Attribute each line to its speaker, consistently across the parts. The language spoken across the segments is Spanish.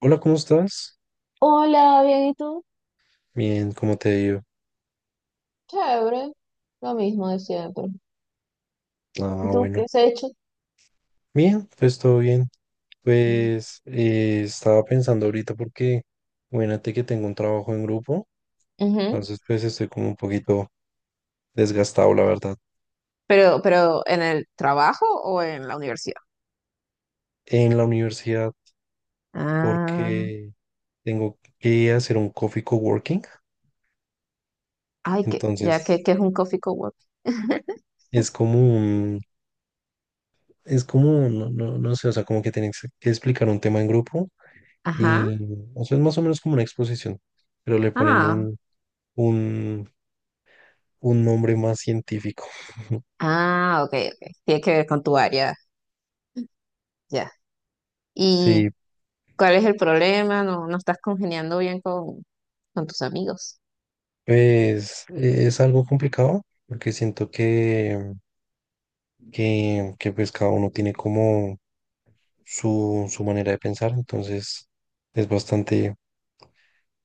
Speaker 1: Hola, ¿cómo estás?
Speaker 2: Hola, bien, ¿y tú?
Speaker 1: Bien, ¿cómo te digo?
Speaker 2: Chévere, lo mismo de siempre. ¿Y
Speaker 1: Ah,
Speaker 2: tú qué
Speaker 1: bueno.
Speaker 2: has hecho?
Speaker 1: Bien, pues todo bien.
Speaker 2: Mm.
Speaker 1: Pues estaba pensando ahorita porque, imagínate que tengo un trabajo en grupo,
Speaker 2: Ujú.
Speaker 1: entonces pues estoy como un poquito desgastado, la verdad,
Speaker 2: Pero ¿en el trabajo o en la universidad?
Speaker 1: en la universidad
Speaker 2: Ah,
Speaker 1: porque tengo que hacer un coffee coworking,
Speaker 2: ay, que ya que,
Speaker 1: entonces
Speaker 2: que es un coffee cowork.
Speaker 1: es como un, es como, no, no, no sé, o sea, como que tienes que explicar un tema en grupo
Speaker 2: Ajá.
Speaker 1: y, o sea, es más o menos como una exposición, pero le ponen
Speaker 2: Ah,
Speaker 1: un, un nombre más científico.
Speaker 2: ah, ok, ok. Tiene que ver con tu área, ya. ¿Y
Speaker 1: Sí,
Speaker 2: cuál es el problema? No, no estás congeniando bien con tus amigos.
Speaker 1: pues es algo complicado porque siento que, pues cada uno tiene como su manera de pensar, entonces es bastante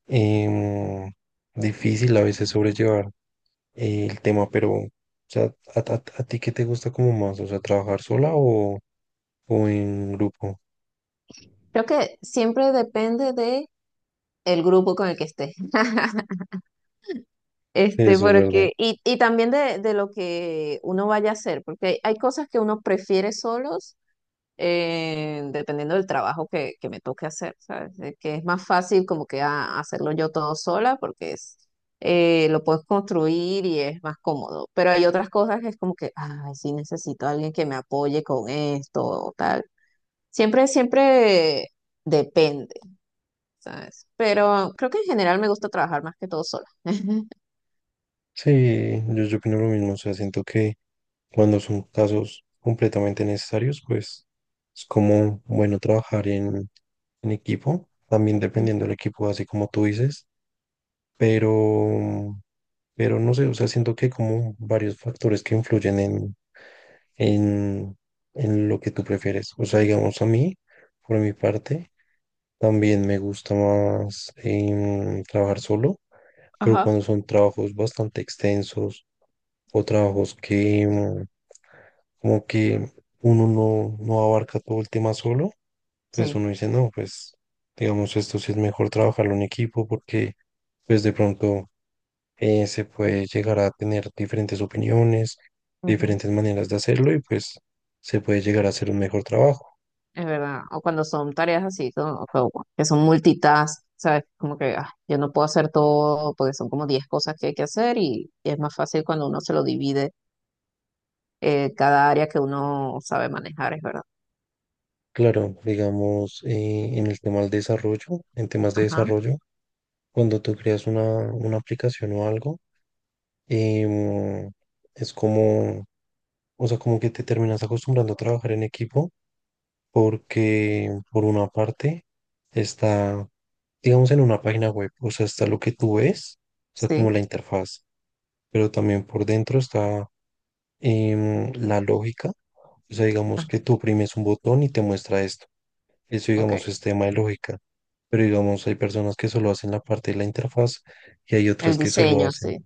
Speaker 1: em, difícil a veces sobrellevar el tema, pero o sea, ¿a, a ti qué te gusta como más? O sea, ¿trabajar sola o en grupo?
Speaker 2: Creo que siempre depende de el grupo con el que estés.
Speaker 1: Sí, eso es verdad.
Speaker 2: Porque, y también de lo que uno vaya a hacer, porque hay cosas que uno prefiere solos, dependiendo del trabajo que me toque hacer, ¿sabes? De que es más fácil como que hacerlo yo todo sola, porque es, lo puedes construir y es más cómodo. Pero hay otras cosas que es como que, ay, sí necesito a alguien que me apoye con esto o tal. Siempre, siempre depende, ¿sabes? Pero creo que en general me gusta trabajar más que todo sola.
Speaker 1: Sí, yo opino lo mismo, o sea, siento que cuando son casos completamente necesarios, pues es como bueno trabajar en equipo, también dependiendo del equipo, así como tú dices, pero, pero no sé, o sea, siento que hay como varios factores que influyen en, en lo que tú prefieres. O sea, digamos a mí, por mi parte, también me gusta más trabajar solo, pero
Speaker 2: Ajá.
Speaker 1: cuando son trabajos bastante extensos o trabajos que, como que uno no, no abarca todo el tema solo, pues
Speaker 2: Sí,
Speaker 1: uno dice, no, pues digamos, esto sí es mejor trabajarlo en equipo porque pues de pronto se puede llegar a tener diferentes opiniones,
Speaker 2: ujú.
Speaker 1: diferentes maneras de hacerlo y pues se puede llegar a hacer un mejor trabajo.
Speaker 2: Es verdad. O cuando son tareas así, como que son multitask, ¿sabes? Como que yo no puedo hacer todo porque son como 10 cosas que hay que hacer y es más fácil cuando uno se lo divide cada área que uno sabe manejar, es verdad.
Speaker 1: Claro, digamos, en el tema del desarrollo, en temas de
Speaker 2: Ajá,
Speaker 1: desarrollo, cuando tú creas una aplicación o algo, em, es como, o sea, como que te terminas acostumbrando a trabajar en equipo porque por una parte está, digamos, en una página web, o sea, está lo que tú ves, o sea, como
Speaker 2: sí.
Speaker 1: la interfaz, pero también por dentro está la lógica, o sea, digamos
Speaker 2: Ah,
Speaker 1: que tú oprimes un botón y te muestra esto, eso,
Speaker 2: ok.
Speaker 1: digamos, es tema de lógica, pero digamos, hay personas que solo hacen la parte de la interfaz y hay otras
Speaker 2: El
Speaker 1: que solo
Speaker 2: diseño,
Speaker 1: hacen,
Speaker 2: sí.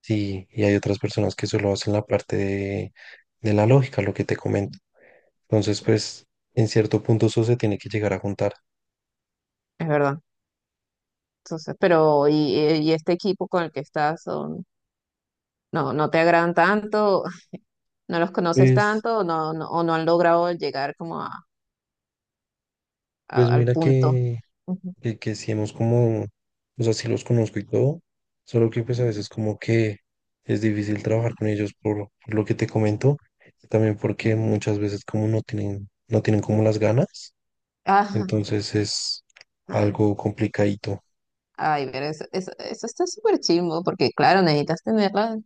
Speaker 1: sí, y hay otras personas que solo hacen la parte de la lógica, lo que te comento. Entonces,
Speaker 2: Es
Speaker 1: pues, en cierto punto eso se tiene que llegar a juntar.
Speaker 2: verdad. Entonces, pero y este equipo con el que estás son, no, no te agradan tanto, no los conoces
Speaker 1: Pues,
Speaker 2: tanto, o no, no, o no han logrado llegar como a,
Speaker 1: pues
Speaker 2: al
Speaker 1: mira
Speaker 2: punto.
Speaker 1: que,
Speaker 2: Ujú.
Speaker 1: que, que sí hemos como, o sea, sí los conozco y todo, solo que pues a veces como que es difícil trabajar con ellos por lo que te comento, y también porque muchas veces como no tienen, no tienen como las ganas,
Speaker 2: Ah,
Speaker 1: entonces es
Speaker 2: ah,
Speaker 1: algo complicadito.
Speaker 2: ay, pero eso está súper chimbo, porque claro, necesitas tenerla.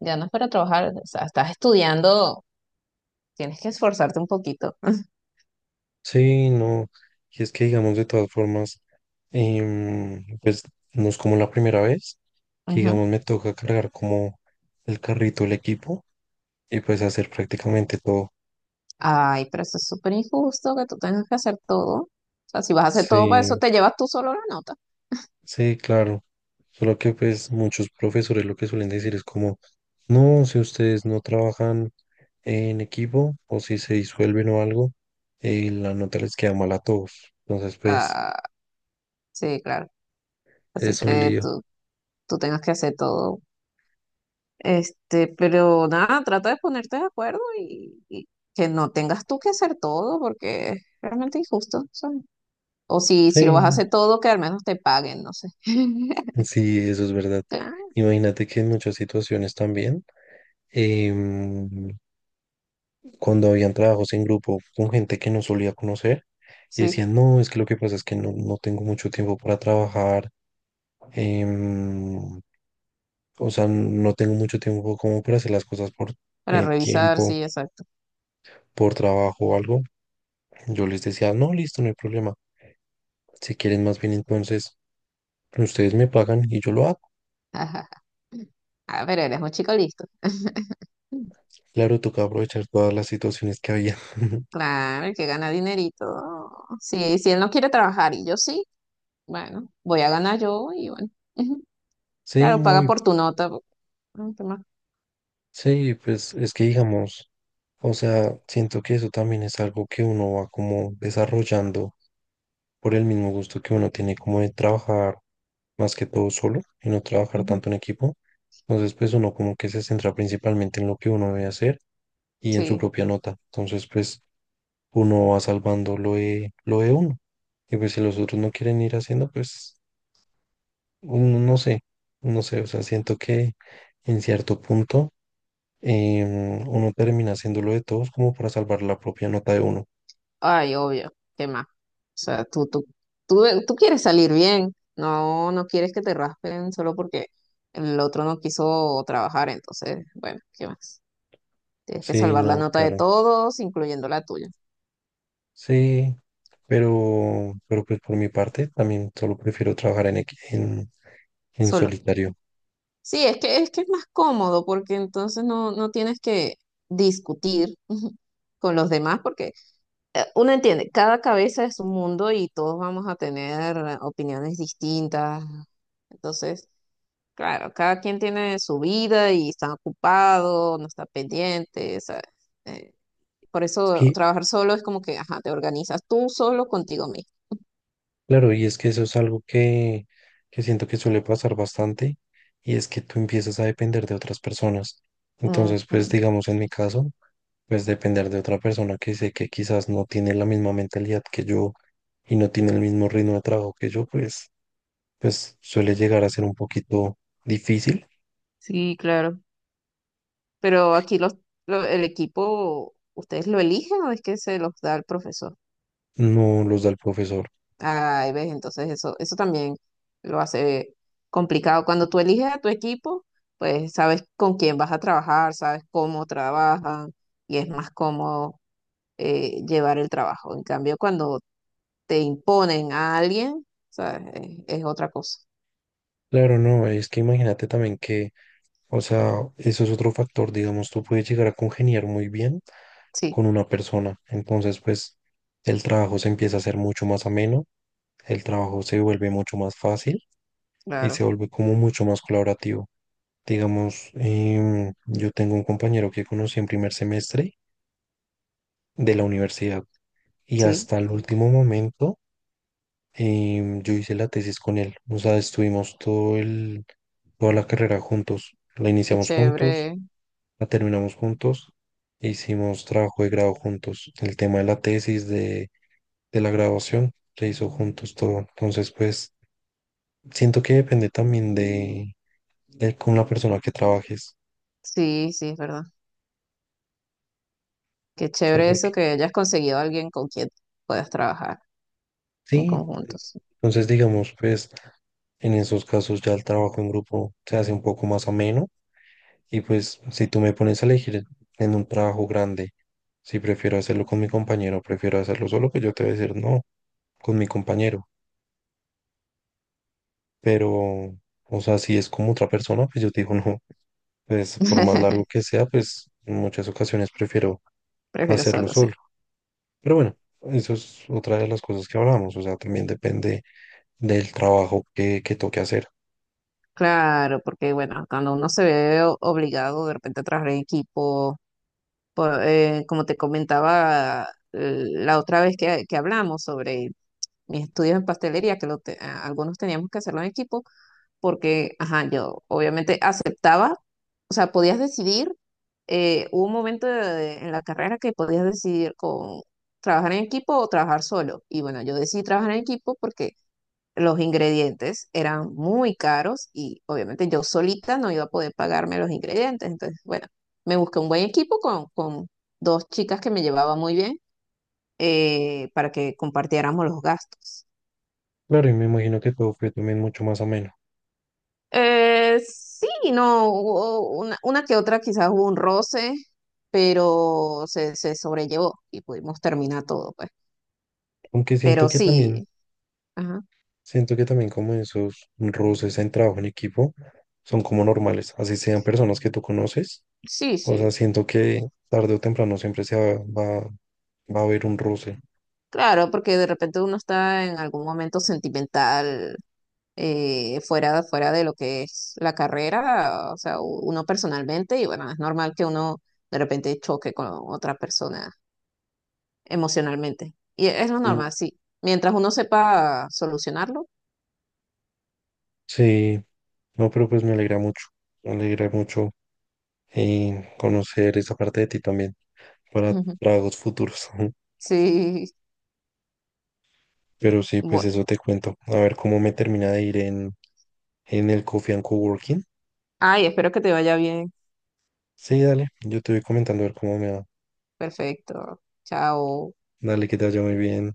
Speaker 2: Ya no es para trabajar, o sea, estás estudiando, tienes que esforzarte un poquito.
Speaker 1: Sí, no, y es que digamos de todas formas, pues no es como la primera vez que
Speaker 2: Ujú.
Speaker 1: digamos me toca cargar como el carrito, el equipo, y pues hacer prácticamente todo.
Speaker 2: Ay, pero eso es súper injusto que tú tengas que hacer todo. O sea, si vas a hacer todo para eso,
Speaker 1: Sí,
Speaker 2: te llevas tú solo la nota.
Speaker 1: sí, claro. Solo que pues muchos profesores lo que suelen decir es como, no, si ustedes no trabajan en equipo o si se disuelven o algo, la nota les queda mal a todos. Entonces pues
Speaker 2: Ah, sí, claro. Así
Speaker 1: es un
Speaker 2: te,
Speaker 1: lío.
Speaker 2: tú, tú tengas que hacer todo. Pero nada, trata de ponerte de acuerdo y que no tengas tú que hacer todo porque es realmente injusto, ¿sabes? O si lo vas a
Speaker 1: Sí,
Speaker 2: hacer todo, que al menos te paguen, no sé.
Speaker 1: sí, eso es verdad.
Speaker 2: Claro,
Speaker 1: Imagínate que en muchas situaciones también, em, cuando habían trabajos en grupo con gente que no solía conocer, y
Speaker 2: sí,
Speaker 1: decían, no, es que lo que pasa es que no, no tengo mucho tiempo para trabajar. em, O sea, no tengo mucho tiempo como para hacer las cosas por
Speaker 2: para revisar,
Speaker 1: tiempo,
Speaker 2: sí, exacto.
Speaker 1: por trabajo o algo. Yo les decía, no, listo, no hay problema. Si quieren más bien, entonces ustedes me pagan y yo lo hago.
Speaker 2: Ajá. Ah, pero eres un chico listo.
Speaker 1: Claro, toca aprovechar todas las situaciones que había.
Speaker 2: Claro, el que gana dinerito. Sí, si él no quiere trabajar y yo sí, bueno, voy a ganar yo y bueno. Ujú.
Speaker 1: Sí,
Speaker 2: Claro,
Speaker 1: no,
Speaker 2: paga por tu nota. Po. ¿Qué más?
Speaker 1: sí, pues es que digamos, o sea, siento que eso también es algo que uno va como desarrollando por el mismo gusto que uno tiene como de trabajar más que todo solo y no trabajar
Speaker 2: Ujú.
Speaker 1: tanto en equipo. Entonces, pues uno como que se centra principalmente en lo que uno debe hacer y en su
Speaker 2: Sí.
Speaker 1: propia nota. Entonces, pues uno va salvando lo de uno. Y pues si los otros no quieren ir haciendo, pues uno no sé, no sé, o sea, siento que en cierto punto uno termina haciendo lo de todos como para salvar la propia nota de uno.
Speaker 2: Ay, obvio. ¿Qué más? O sea, tú quieres salir bien. No, no quieres que te raspen solo porque el otro no quiso trabajar. Entonces, bueno, ¿qué más? Tienes que
Speaker 1: Sí,
Speaker 2: salvar la
Speaker 1: no,
Speaker 2: nota de
Speaker 1: claro.
Speaker 2: todos, incluyendo la tuya.
Speaker 1: Sí, pero pues por mi parte también solo prefiero trabajar en, en
Speaker 2: Solo.
Speaker 1: solitario.
Speaker 2: Sí, es que es más cómodo porque entonces no, no tienes que discutir con los demás porque uno entiende, cada cabeza es un mundo y todos vamos a tener opiniones distintas. Entonces, claro, cada quien tiene su vida y está ocupado, no está pendiente, ¿sabes? Eh, por
Speaker 1: Es
Speaker 2: eso
Speaker 1: que,
Speaker 2: trabajar solo es como que, ajá, te organizas tú solo contigo mismo.
Speaker 1: claro, y es que eso es algo que siento que suele pasar bastante, y es que tú empiezas a depender de otras personas.
Speaker 2: Ujú.
Speaker 1: Entonces, pues digamos en mi caso, pues depender de otra persona que sé que quizás no tiene la misma mentalidad que yo y no tiene el mismo ritmo de trabajo que yo, pues, pues suele llegar a ser un poquito difícil,
Speaker 2: Sí, claro. Pero aquí el equipo, ¿ustedes lo eligen o es que se los da el profesor?
Speaker 1: no los da el profesor.
Speaker 2: Ay, ves, entonces eso también lo hace complicado. Cuando tú eliges a tu equipo, pues sabes con quién vas a trabajar, sabes cómo trabajan y es más cómodo llevar el trabajo. En cambio, cuando te imponen a alguien, ¿sabes? Es otra cosa.
Speaker 1: Claro, no, es que imagínate también que, o sea, eso es otro factor, digamos, tú puedes llegar a congeniar muy bien
Speaker 2: Sí,
Speaker 1: con una persona. Entonces, pues el trabajo se empieza a hacer mucho más ameno, el trabajo se vuelve mucho más fácil y
Speaker 2: claro,
Speaker 1: se vuelve como mucho más colaborativo. Digamos, yo tengo un compañero que conocí en primer semestre de la universidad y
Speaker 2: sí,
Speaker 1: hasta el último momento yo hice la tesis con él. O sea, estuvimos todo el, toda la carrera juntos. La
Speaker 2: qué
Speaker 1: iniciamos juntos,
Speaker 2: chévere.
Speaker 1: la terminamos juntos, hicimos trabajo de grado juntos. El tema de la tesis, de la grabación, le hizo juntos todo. Entonces, pues siento que depende también de con la persona que trabajes.
Speaker 2: Sí, sí, es verdad. Qué
Speaker 1: Solo
Speaker 2: chévere eso
Speaker 1: porque
Speaker 2: que hayas conseguido a alguien con quien puedas trabajar. En
Speaker 1: sí,
Speaker 2: conjuntos.
Speaker 1: entonces digamos, pues en esos casos ya el trabajo en grupo se hace un poco más ameno. Y pues si tú me pones a elegir en un trabajo grande, si prefiero hacerlo con mi compañero, prefiero hacerlo solo, pues yo te voy a decir no, con mi compañero. Pero, o sea, si es como otra persona, pues yo te digo no. Pues por más largo que sea, pues en muchas ocasiones prefiero
Speaker 2: Prefiero
Speaker 1: hacerlo
Speaker 2: solo, sí.
Speaker 1: solo. Pero bueno, eso es otra de las cosas que hablamos, o sea, también depende del trabajo que toque hacer.
Speaker 2: Claro, porque bueno, cuando uno se ve obligado de repente a trabajar en equipo, como te comentaba la otra vez que hablamos sobre mis estudios en pastelería, que algunos teníamos que hacerlo en equipo, porque, ajá, yo obviamente aceptaba, o sea, podías decidir, hubo un momento en la carrera que podías decidir con trabajar en equipo o trabajar solo. Y bueno, yo decidí trabajar en equipo porque los ingredientes eran muy caros y obviamente yo solita no iba a poder pagarme los ingredientes. Entonces, bueno, me busqué un buen equipo con dos chicas que me llevaba muy bien, para que compartiéramos los gastos.
Speaker 1: Claro, y me imagino que todo fue también mucho más ameno,
Speaker 2: Sí, no, hubo una que otra quizás hubo un roce, pero se sobrellevó y pudimos terminar todo, pues.
Speaker 1: aunque
Speaker 2: Pero sí, ajá,
Speaker 1: siento que también como esos roces en trabajo en equipo son como normales, así sean personas que tú conoces,
Speaker 2: sí,
Speaker 1: o sea,
Speaker 2: sí.
Speaker 1: siento que tarde o temprano siempre se va, va a haber un roce.
Speaker 2: Claro, porque de repente uno está en algún momento sentimental, fuera de lo que es la carrera, o sea, uno personalmente, y bueno, es normal que uno de repente choque con otra persona emocionalmente. Y es lo
Speaker 1: Mm.
Speaker 2: normal, sí. Mientras uno sepa solucionarlo.
Speaker 1: Sí, no, pero pues me alegra mucho conocer esa parte de ti también para
Speaker 2: Ujú.
Speaker 1: tragos futuros.
Speaker 2: Sí.
Speaker 1: Pero sí, pues
Speaker 2: bu-
Speaker 1: eso te cuento. A ver cómo me termina de ir en el Coffee and Coworking.
Speaker 2: Ay, espero que te vaya bien.
Speaker 1: Sí, dale, yo te voy comentando a ver cómo me va.
Speaker 2: Perfecto. Chao.
Speaker 1: Dale, que te vaya muy bien.